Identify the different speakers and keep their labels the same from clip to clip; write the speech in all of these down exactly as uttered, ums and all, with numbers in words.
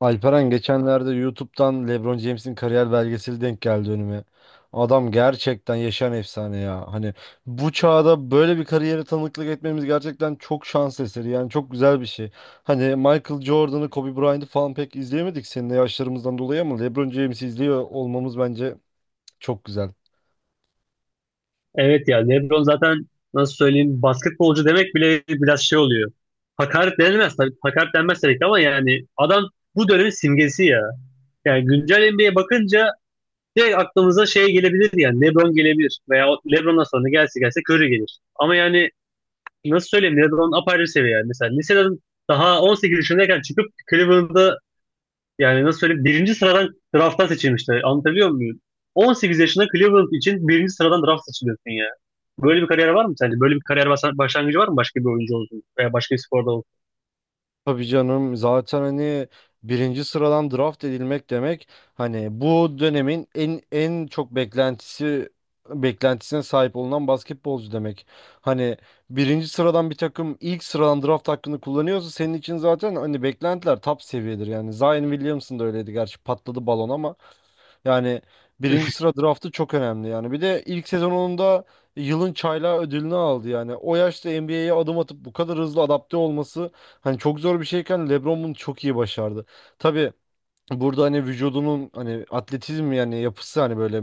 Speaker 1: Alperen, geçenlerde YouTube'dan LeBron James'in kariyer belgeseli denk geldi önüme. Adam gerçekten yaşayan efsane ya. Hani bu çağda böyle bir kariyere tanıklık etmemiz gerçekten çok şans eseri. Yani çok güzel bir şey. Hani Michael Jordan'ı, Kobe Bryant'ı falan pek izleyemedik seninle yaşlarımızdan dolayı, ama LeBron James'i izliyor olmamız bence çok güzel.
Speaker 2: Evet ya LeBron zaten nasıl söyleyeyim basketbolcu demek bile biraz şey oluyor. Hakaret denilmez tabii. Hakaret denmez tabii ki ama yani adam bu dönemin simgesi ya. Yani güncel N B A'ye bakınca direkt aklımıza şey gelebilir yani LeBron gelebilir veya o LeBron'dan sonra gelse gelse Curry gelir. Ama yani nasıl söyleyeyim LeBron apayrı seviye yani. Mesela liseden daha on sekiz yaşındayken çıkıp Cleveland'da yani nasıl söyleyeyim? Birinci sıradan drafttan seçilmişler. Anlatabiliyor muyum? on sekiz yaşında Cleveland için birinci sıradan draft seçiliyorsun ya. Böyle bir kariyer var mı sence? Böyle bir kariyer basa- başlangıcı var mı başka bir oyuncu olsun veya başka bir sporda olsun?
Speaker 1: Tabii canım, zaten hani birinci sıradan draft edilmek demek hani bu dönemin en en çok beklentisi beklentisine sahip olunan basketbolcu demek. Hani birinci sıradan bir takım ilk sıradan draft hakkını kullanıyorsa senin için zaten hani beklentiler top seviyedir yani. Zion Williamson da öyleydi, gerçi patladı balon, ama yani birinci sıra draftı çok önemli yani. Bir de ilk sezonunda Yılın Çaylağı ödülünü aldı yani. O yaşta N B A'ye adım atıp bu kadar hızlı adapte olması hani çok zor bir şeyken LeBron bunu çok iyi başardı. Tabii, burada hani vücudunun, hani atletizm yani yapısı, hani böyle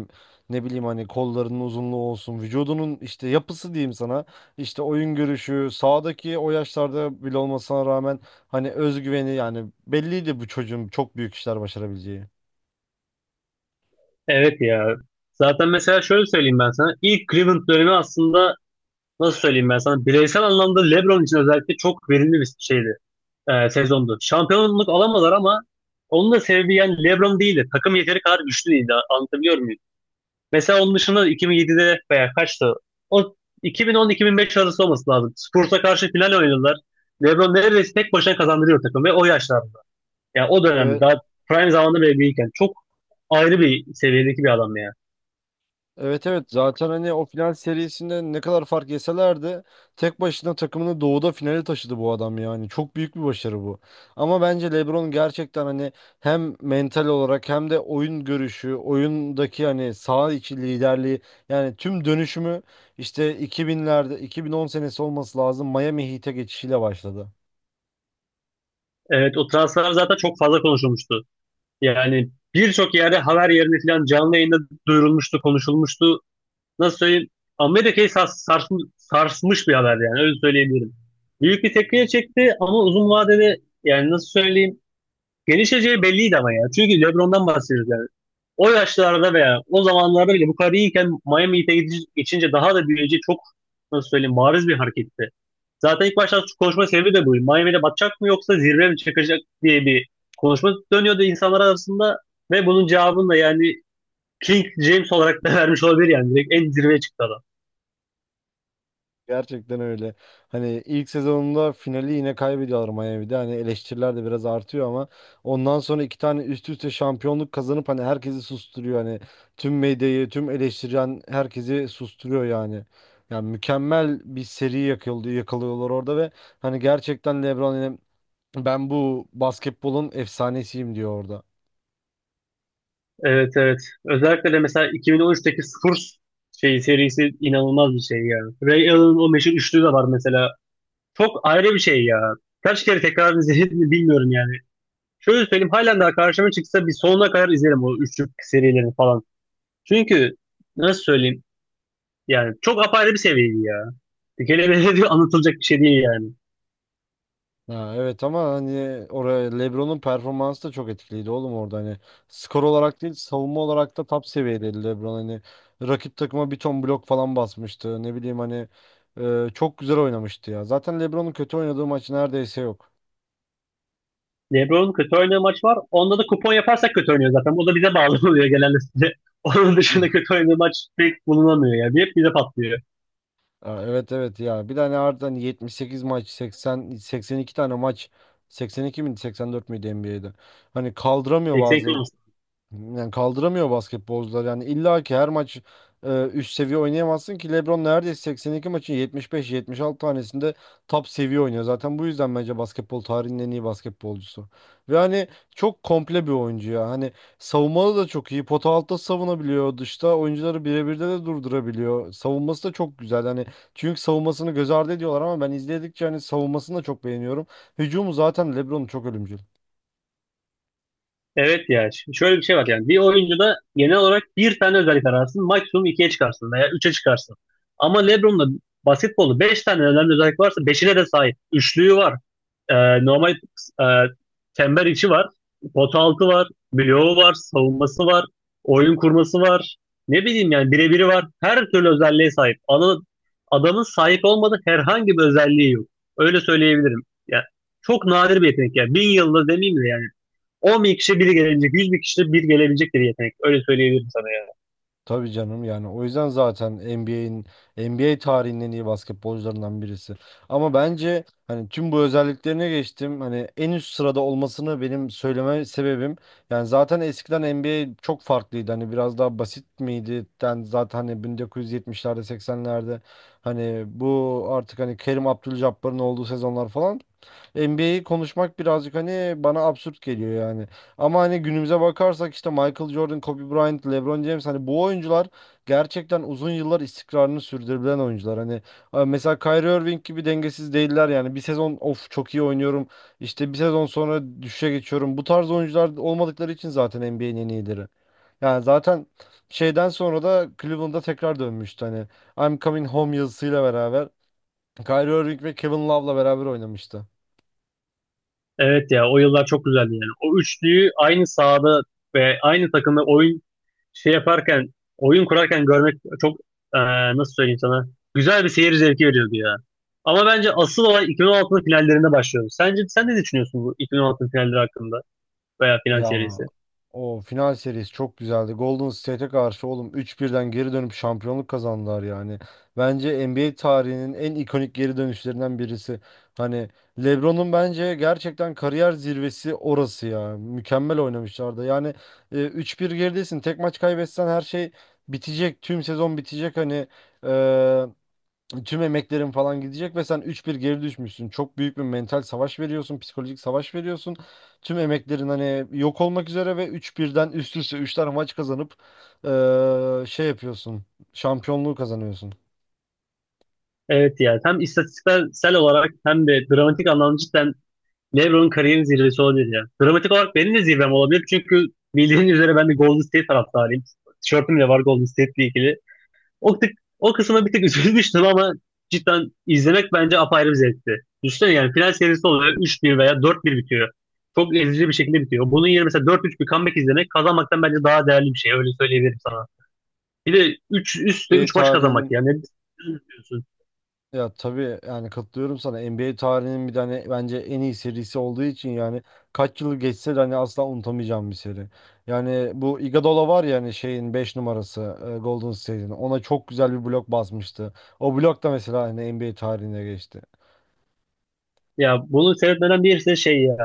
Speaker 1: ne bileyim hani kollarının uzunluğu olsun, vücudunun işte yapısı diyeyim sana, işte oyun görüşü sağdaki o yaşlarda bile olmasına rağmen hani özgüveni, yani belliydi bu çocuğun çok büyük işler başarabileceği.
Speaker 2: Evet ya. Zaten mesela şöyle söyleyeyim ben sana. İlk Cleveland dönemi aslında nasıl söyleyeyim ben sana? Bireysel anlamda LeBron için özellikle çok verimli bir şeydi. E, sezondu. Şampiyonluk alamadılar ama onun da sebebi yani LeBron değildi. Takım yeteri kadar güçlü değildi. Anlatabiliyor muyum? Mesela onun dışında iki bin yedide veya kaçtı? O iki bin on-iki bin beş arası olması lazım. Spurs'a karşı final oynadılar. LeBron neredeyse tek başına kazandırıyor takım ve o yaşlarda. Yani o dönemde daha prime zamanında bile değilken çok ayrı bir seviyedeki bir adam ya.
Speaker 1: Evet evet, zaten hani o final serisinde ne kadar fark yeselerdi tek başına takımını doğuda finale taşıdı bu adam yani. Çok büyük bir başarı bu. Ama bence LeBron gerçekten hani hem mental olarak hem de oyun görüşü, oyundaki hani saha içi liderliği, yani tüm dönüşümü işte iki binlerde, iki bin on senesi olması lazım, Miami Heat'e geçişiyle başladı.
Speaker 2: Evet, o transfer zaten çok fazla konuşulmuştu. Yani birçok yerde haber yerine falan canlı yayında duyurulmuştu, konuşulmuştu. Nasıl söyleyeyim? Amerika'yı sars- sarsm- sarsmış bir haber yani öyle söyleyebilirim. Büyük bir tepkiye çekti ama uzun vadede yani nasıl söyleyeyim gelişeceği belliydi ama ya. Çünkü LeBron'dan bahsediyoruz yani. O yaşlarda veya o zamanlarda bile bu kadar iyiyken Miami Heat'e gidi- geçince daha da büyüyeceği çok nasıl söyleyeyim bariz bir hareketti. Zaten ilk başta konuşma sebebi de buydu. Miami'de batacak mı yoksa zirve mi çıkacak diye bir konuşma dönüyordu insanlar arasında ve bunun cevabını da yani King James olarak da vermiş olabilir yani. Direkt en zirveye çıktı adam.
Speaker 1: Gerçekten öyle. Hani ilk sezonunda finali yine kaybediyorlar Miami'de. Hani eleştiriler de biraz artıyor ama ondan sonra iki tane üst üste şampiyonluk kazanıp hani herkesi susturuyor. Hani tüm medyayı, tüm eleştiren herkesi susturuyor yani. Yani mükemmel bir seri yakıldı, yakalıyorlar orada ve hani gerçekten LeBron hani ben bu basketbolun efsanesiyim diyor orada.
Speaker 2: Evet, evet. Özellikle de mesela iki bin on üçteki Spurs şey serisi inanılmaz bir şey yani. Ray Allen'ın o meşhur üçlü de var mesela. Çok ayrı bir şey ya. Kaç kere tekrar izledim mi bilmiyorum yani. Şöyle söyleyeyim, halen daha karşıma çıksa bir sonuna kadar izlerim o üçlük serilerini falan. Çünkü nasıl söyleyeyim yani çok apayrı bir seviyeydi ya. Dikelemeyle diyor anlatılacak bir şey değil yani.
Speaker 1: Ha, evet, ama hani oraya LeBron'un performansı da çok etkiliydi oğlum, orada hani skor olarak değil savunma olarak da top seviyedeydi LeBron, hani rakip takıma bir ton blok falan basmıştı ne bileyim hani, e, çok güzel oynamıştı ya, zaten LeBron'un kötü oynadığı maç neredeyse yok.
Speaker 2: LeBron kötü oynadığı maç var. Onda da kupon yaparsak kötü oynuyor zaten. O da bize bağlı oluyor genelde. Onun dışında kötü oynadığı maç pek bulunamıyor yani. Hep bize patlıyor.
Speaker 1: Ha, evet evet ya, bir tane harbiden yetmiş sekiz maç, seksen, seksen iki tane maç, seksen iki miydi seksen dört müydü N B A'de hani kaldıramıyor bazı
Speaker 2: seksen.
Speaker 1: Yani kaldıramıyor basketbolcular. Yani illa ki her maç e, üst seviye oynayamazsın ki, LeBron neredeyse seksen iki maçın yetmiş beş, yetmiş altı tanesinde top seviye oynuyor. Zaten bu yüzden bence basketbol tarihinin en iyi basketbolcusu. Ve hani çok komple bir oyuncu ya. Hani savunmalı da çok iyi. Pota altta savunabiliyor. Dışta oyuncuları birebirde de durdurabiliyor. Savunması da çok güzel. Hani çünkü savunmasını göz ardı ediyorlar ama ben izledikçe hani savunmasını da çok beğeniyorum. Hücumu zaten LeBron'un çok ölümcül.
Speaker 2: Evet ya ş- şöyle bir şey var yani bir oyuncuda genel olarak bir tane özellik ararsın, maksimum ikiye çıkarsın veya üçe çıkarsın. Ama LeBron'da basketbolu beş tane önemli özellik varsa beşine de sahip. Üçlüğü var, Ee, normal e, çember içi var, pota altı var, bloğu var, savunması var, oyun kurması var. Ne bileyim yani birebiri var. Her türlü özelliğe sahip. Ana- adamın sahip olmadığı herhangi bir özelliği yok. Öyle söyleyebilirim. Yani çok nadir bir yetenek ya. Bin yılda demeyeyim de yani on bin kişi biri gelecek, yüz bin kişi bir gelebilecek bir yetenek. Öyle söyleyebilirim sana ya.
Speaker 1: Tabii canım, yani o yüzden zaten NBA'in NBA tarihinin en iyi basketbolcularından birisi. Ama bence hani tüm bu özelliklerine geçtim. Hani en üst sırada olmasını benim söyleme sebebim, yani zaten eskiden N B A çok farklıydı. Hani biraz daha basit miydi? Yani zaten hani yetmişlerde, seksenlerde, hani bu artık hani Kerim Abdul-Jabbar'ın olduğu sezonlar falan, N B A'yi konuşmak birazcık hani bana absürt geliyor yani. Ama hani günümüze bakarsak, işte Michael Jordan, Kobe Bryant, LeBron James, hani bu oyuncular gerçekten uzun yıllar istikrarını sürdürebilen oyuncular. Hani e, mesela Kyrie Irving gibi dengesiz değiller yani. Bir sezon of çok iyi oynuyorum, işte bir sezon sonra düşüşe geçiyorum. Bu tarz oyuncular olmadıkları için zaten N B A'nin en iyileri. Yani zaten şeyden sonra da Cleveland'a tekrar dönmüştü hani, I'm Coming Home yazısıyla beraber. Kyrie Irving ve Kevin Love'la beraber oynamıştı.
Speaker 2: Evet ya, o yıllar çok güzeldi yani. O üçlüyü aynı sahada ve aynı takımda oyun şey yaparken, oyun kurarken görmek çok, eee, nasıl söyleyeyim sana, güzel bir seyir zevki veriyordu ya. Ama bence asıl olay iki bin on altının finallerinde başlıyor. Sence sen ne düşünüyorsun bu iki bin on altının finalleri hakkında veya final
Speaker 1: Ya
Speaker 2: serisi?
Speaker 1: o final serisi çok güzeldi. Golden State'e karşı oğlum üç birden geri dönüp şampiyonluk kazandılar yani. Bence N B A tarihinin en ikonik geri dönüşlerinden birisi. Hani LeBron'un bence gerçekten kariyer zirvesi orası ya. Mükemmel oynamışlardı. Yani e, üç bir geridesin. Tek maç kaybetsen her şey bitecek. Tüm sezon bitecek hani. e, Tüm emeklerin falan gidecek ve sen üç bir geri düşmüşsün. Çok büyük bir mental savaş veriyorsun, psikolojik savaş veriyorsun. Tüm emeklerin hani yok olmak üzere ve üç birden üst üste üç tane maç kazanıp eee, şey yapıyorsun. Şampiyonluğu kazanıyorsun.
Speaker 2: Evet ya, hem istatistiksel olarak hem de dramatik anlamda cidden LeBron'un kariyerin zirvesi olabilir ya. Dramatik olarak benim de zirvem olabilir çünkü bildiğin üzere ben de Golden State taraftarıyım. Tişörtüm de var Golden State'le ilgili. O, tık, o kısma bir tık üzülmüştüm ama cidden izlemek bence apayrı bir zevkti. Düşünsene, yani final serisi oluyor, üç bir veya dört bir bitiyor. Çok ezici bir şekilde bitiyor. Bunun yerine mesela dört üç bir comeback izlemek kazanmaktan bence daha değerli bir şey. Öyle söyleyebilirim sana. Bir de üç üstte
Speaker 1: Ve
Speaker 2: üç maç kazanmak
Speaker 1: tarihinin
Speaker 2: yani.
Speaker 1: Ya tabii, yani katılıyorum sana. N B A tarihinin bir tane bence en iyi serisi olduğu için yani, kaç yıl geçse de hani asla unutamayacağım bir seri. Yani bu Iguodala var ya, hani şeyin beş numarası, e, Golden State'in. Ona çok güzel bir blok basmıştı. O blok da mesela hani N B A tarihine geçti.
Speaker 2: Ya bunu seyretmeden birisi şey ya.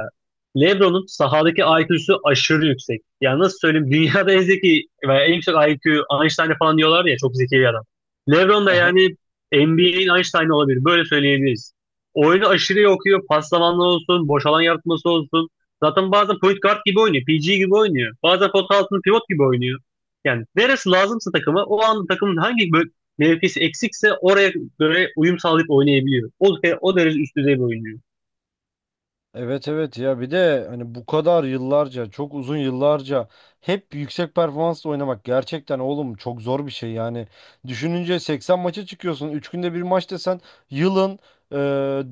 Speaker 2: LeBron'un sahadaki I Q'su aşırı yüksek. Yani nasıl söyleyeyim, dünyada en zeki veya en yüksek I Q Einstein'e falan diyorlar ya, çok zeki bir adam. LeBron da yani N B A'in Einstein'ı olabilir. Böyle söyleyebiliriz. Oyunu aşırı iyi okuyor. Paslamanlar olsun, boş alan yaratması olsun. Zaten bazen point guard gibi oynuyor. P G gibi oynuyor. Bazen pot altında pivot gibi oynuyor. Yani neresi lazımsa takıma, o an takımın hangi bö- mevkisi eksikse oraya göre uyum sağlayıp oynayabiliyor. O, o derece üst düzey bir oyuncu.
Speaker 1: Evet evet ya, bir de hani bu kadar yıllarca, çok uzun yıllarca hep yüksek performansla oynamak gerçekten oğlum çok zor bir şey yani. Düşününce seksen maça çıkıyorsun, üç günde bir maç desen yılın e,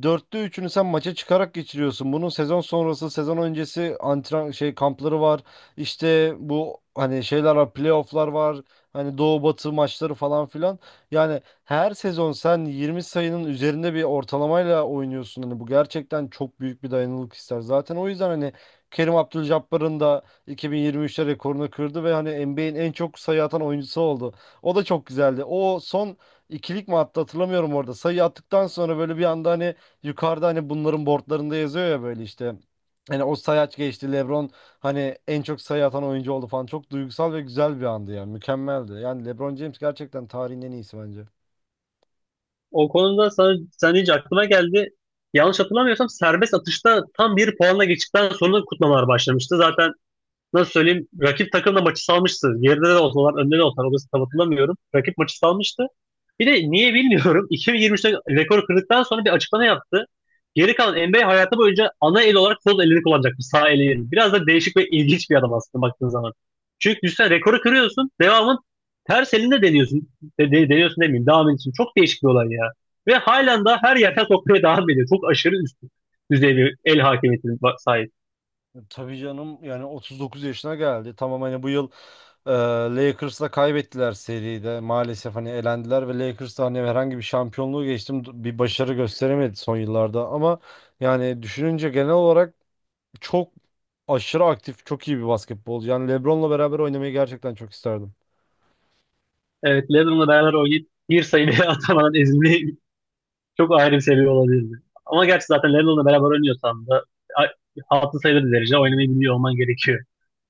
Speaker 1: dörtte üçünü sen maça çıkarak geçiriyorsun. Bunun sezon sonrası, sezon öncesi antren şey kampları var, işte bu hani şeyler var, playofflar var, hani doğu batı maçları falan filan. Yani her sezon sen yirmi sayının üzerinde bir ortalamayla oynuyorsun. Hani bu gerçekten çok büyük bir dayanıklılık ister. Zaten o yüzden hani Kerim Abdul-Jabbar'ın da iki bin yirmi üçte rekorunu kırdı ve hani N B A'in en çok sayı atan oyuncusu oldu. O da çok güzeldi. O son ikilik mi attı hatırlamıyorum orada. Sayı attıktan sonra böyle bir anda hani yukarıda hani bunların boardlarında yazıyor ya böyle işte. Hani o sayaç geçti, LeBron hani en çok sayı atan oyuncu oldu falan. Çok duygusal ve güzel bir andı yani. Mükemmeldi. Yani LeBron James gerçekten tarihin en iyisi bence.
Speaker 2: O konuda sana, sen deyince aklıma geldi. Yanlış hatırlamıyorsam serbest atışta tam bir puanla geçtikten sonra kutlamalar başlamıştı. Zaten nasıl söyleyeyim, rakip takım da maçı salmıştı. Geride de olsalar önde de olsalar orası tam hatırlamıyorum. Rakip maçı salmıştı. Bir de niye bilmiyorum iki bin yirmi üçte rekoru kırdıktan sonra bir açıklama yaptı. Geri kalan N B A hayatı boyunca ana el olarak sol elini kullanacakmış. Sağ eli yerine. Biraz da değişik ve ilginç bir adam aslında baktığın zaman. Çünkü düşünsene, rekoru kırıyorsun. Devamın ters elinde deniyorsun. De, de- deniyorsun demeyeyim. Devam ediyorsun. Çok değişik bir olay ya. Ve halen daha her yerden sokmaya devam ediyor. Çok aşırı üst düzey bir el hakimiyetine ba- sahip.
Speaker 1: Tabii canım, yani otuz dokuz yaşına geldi. Tamam hani bu yıl e, Lakers'la kaybettiler seride. Maalesef hani elendiler ve Lakers da hani herhangi bir şampiyonluğu geçtim d- bir başarı gösteremedi son yıllarda, ama yani düşününce genel olarak çok aşırı aktif, çok iyi bir basketbolcu. Yani LeBron'la beraber oynamayı gerçekten çok isterdim.
Speaker 2: Evet, Lennon'la beraber oynayıp bir sayı atamadan ezildiği çok ayrı bir seviye olabilirdi. Ama gerçi zaten Lennon'la beraber oynuyorsan da a- altı sayılı bir derece oynamayı biliyor olman gerekiyor.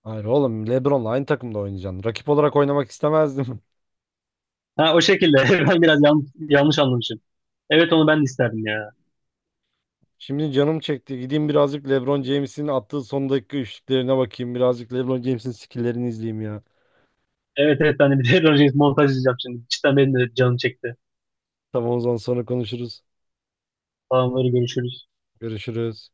Speaker 1: Hayır oğlum, LeBron'la aynı takımda oynayacaksın. Rakip olarak oynamak istemezdim.
Speaker 2: Ha, o şekilde. Ben biraz yanlış, yanlış anlamışım. Evet, onu ben de isterdim ya.
Speaker 1: Şimdi canım çekti. Gideyim birazcık LeBron James'in attığı son dakika üçlüklerine bakayım. Birazcık LeBron James'in skill'lerini izleyeyim ya.
Speaker 2: Evet, evet, ben de bir LeBron James montaj izleyeceğim şimdi. Cidden benim de canım çekti.
Speaker 1: Tamam, o zaman sonra konuşuruz.
Speaker 2: Tamamları, görüşürüz.
Speaker 1: Görüşürüz.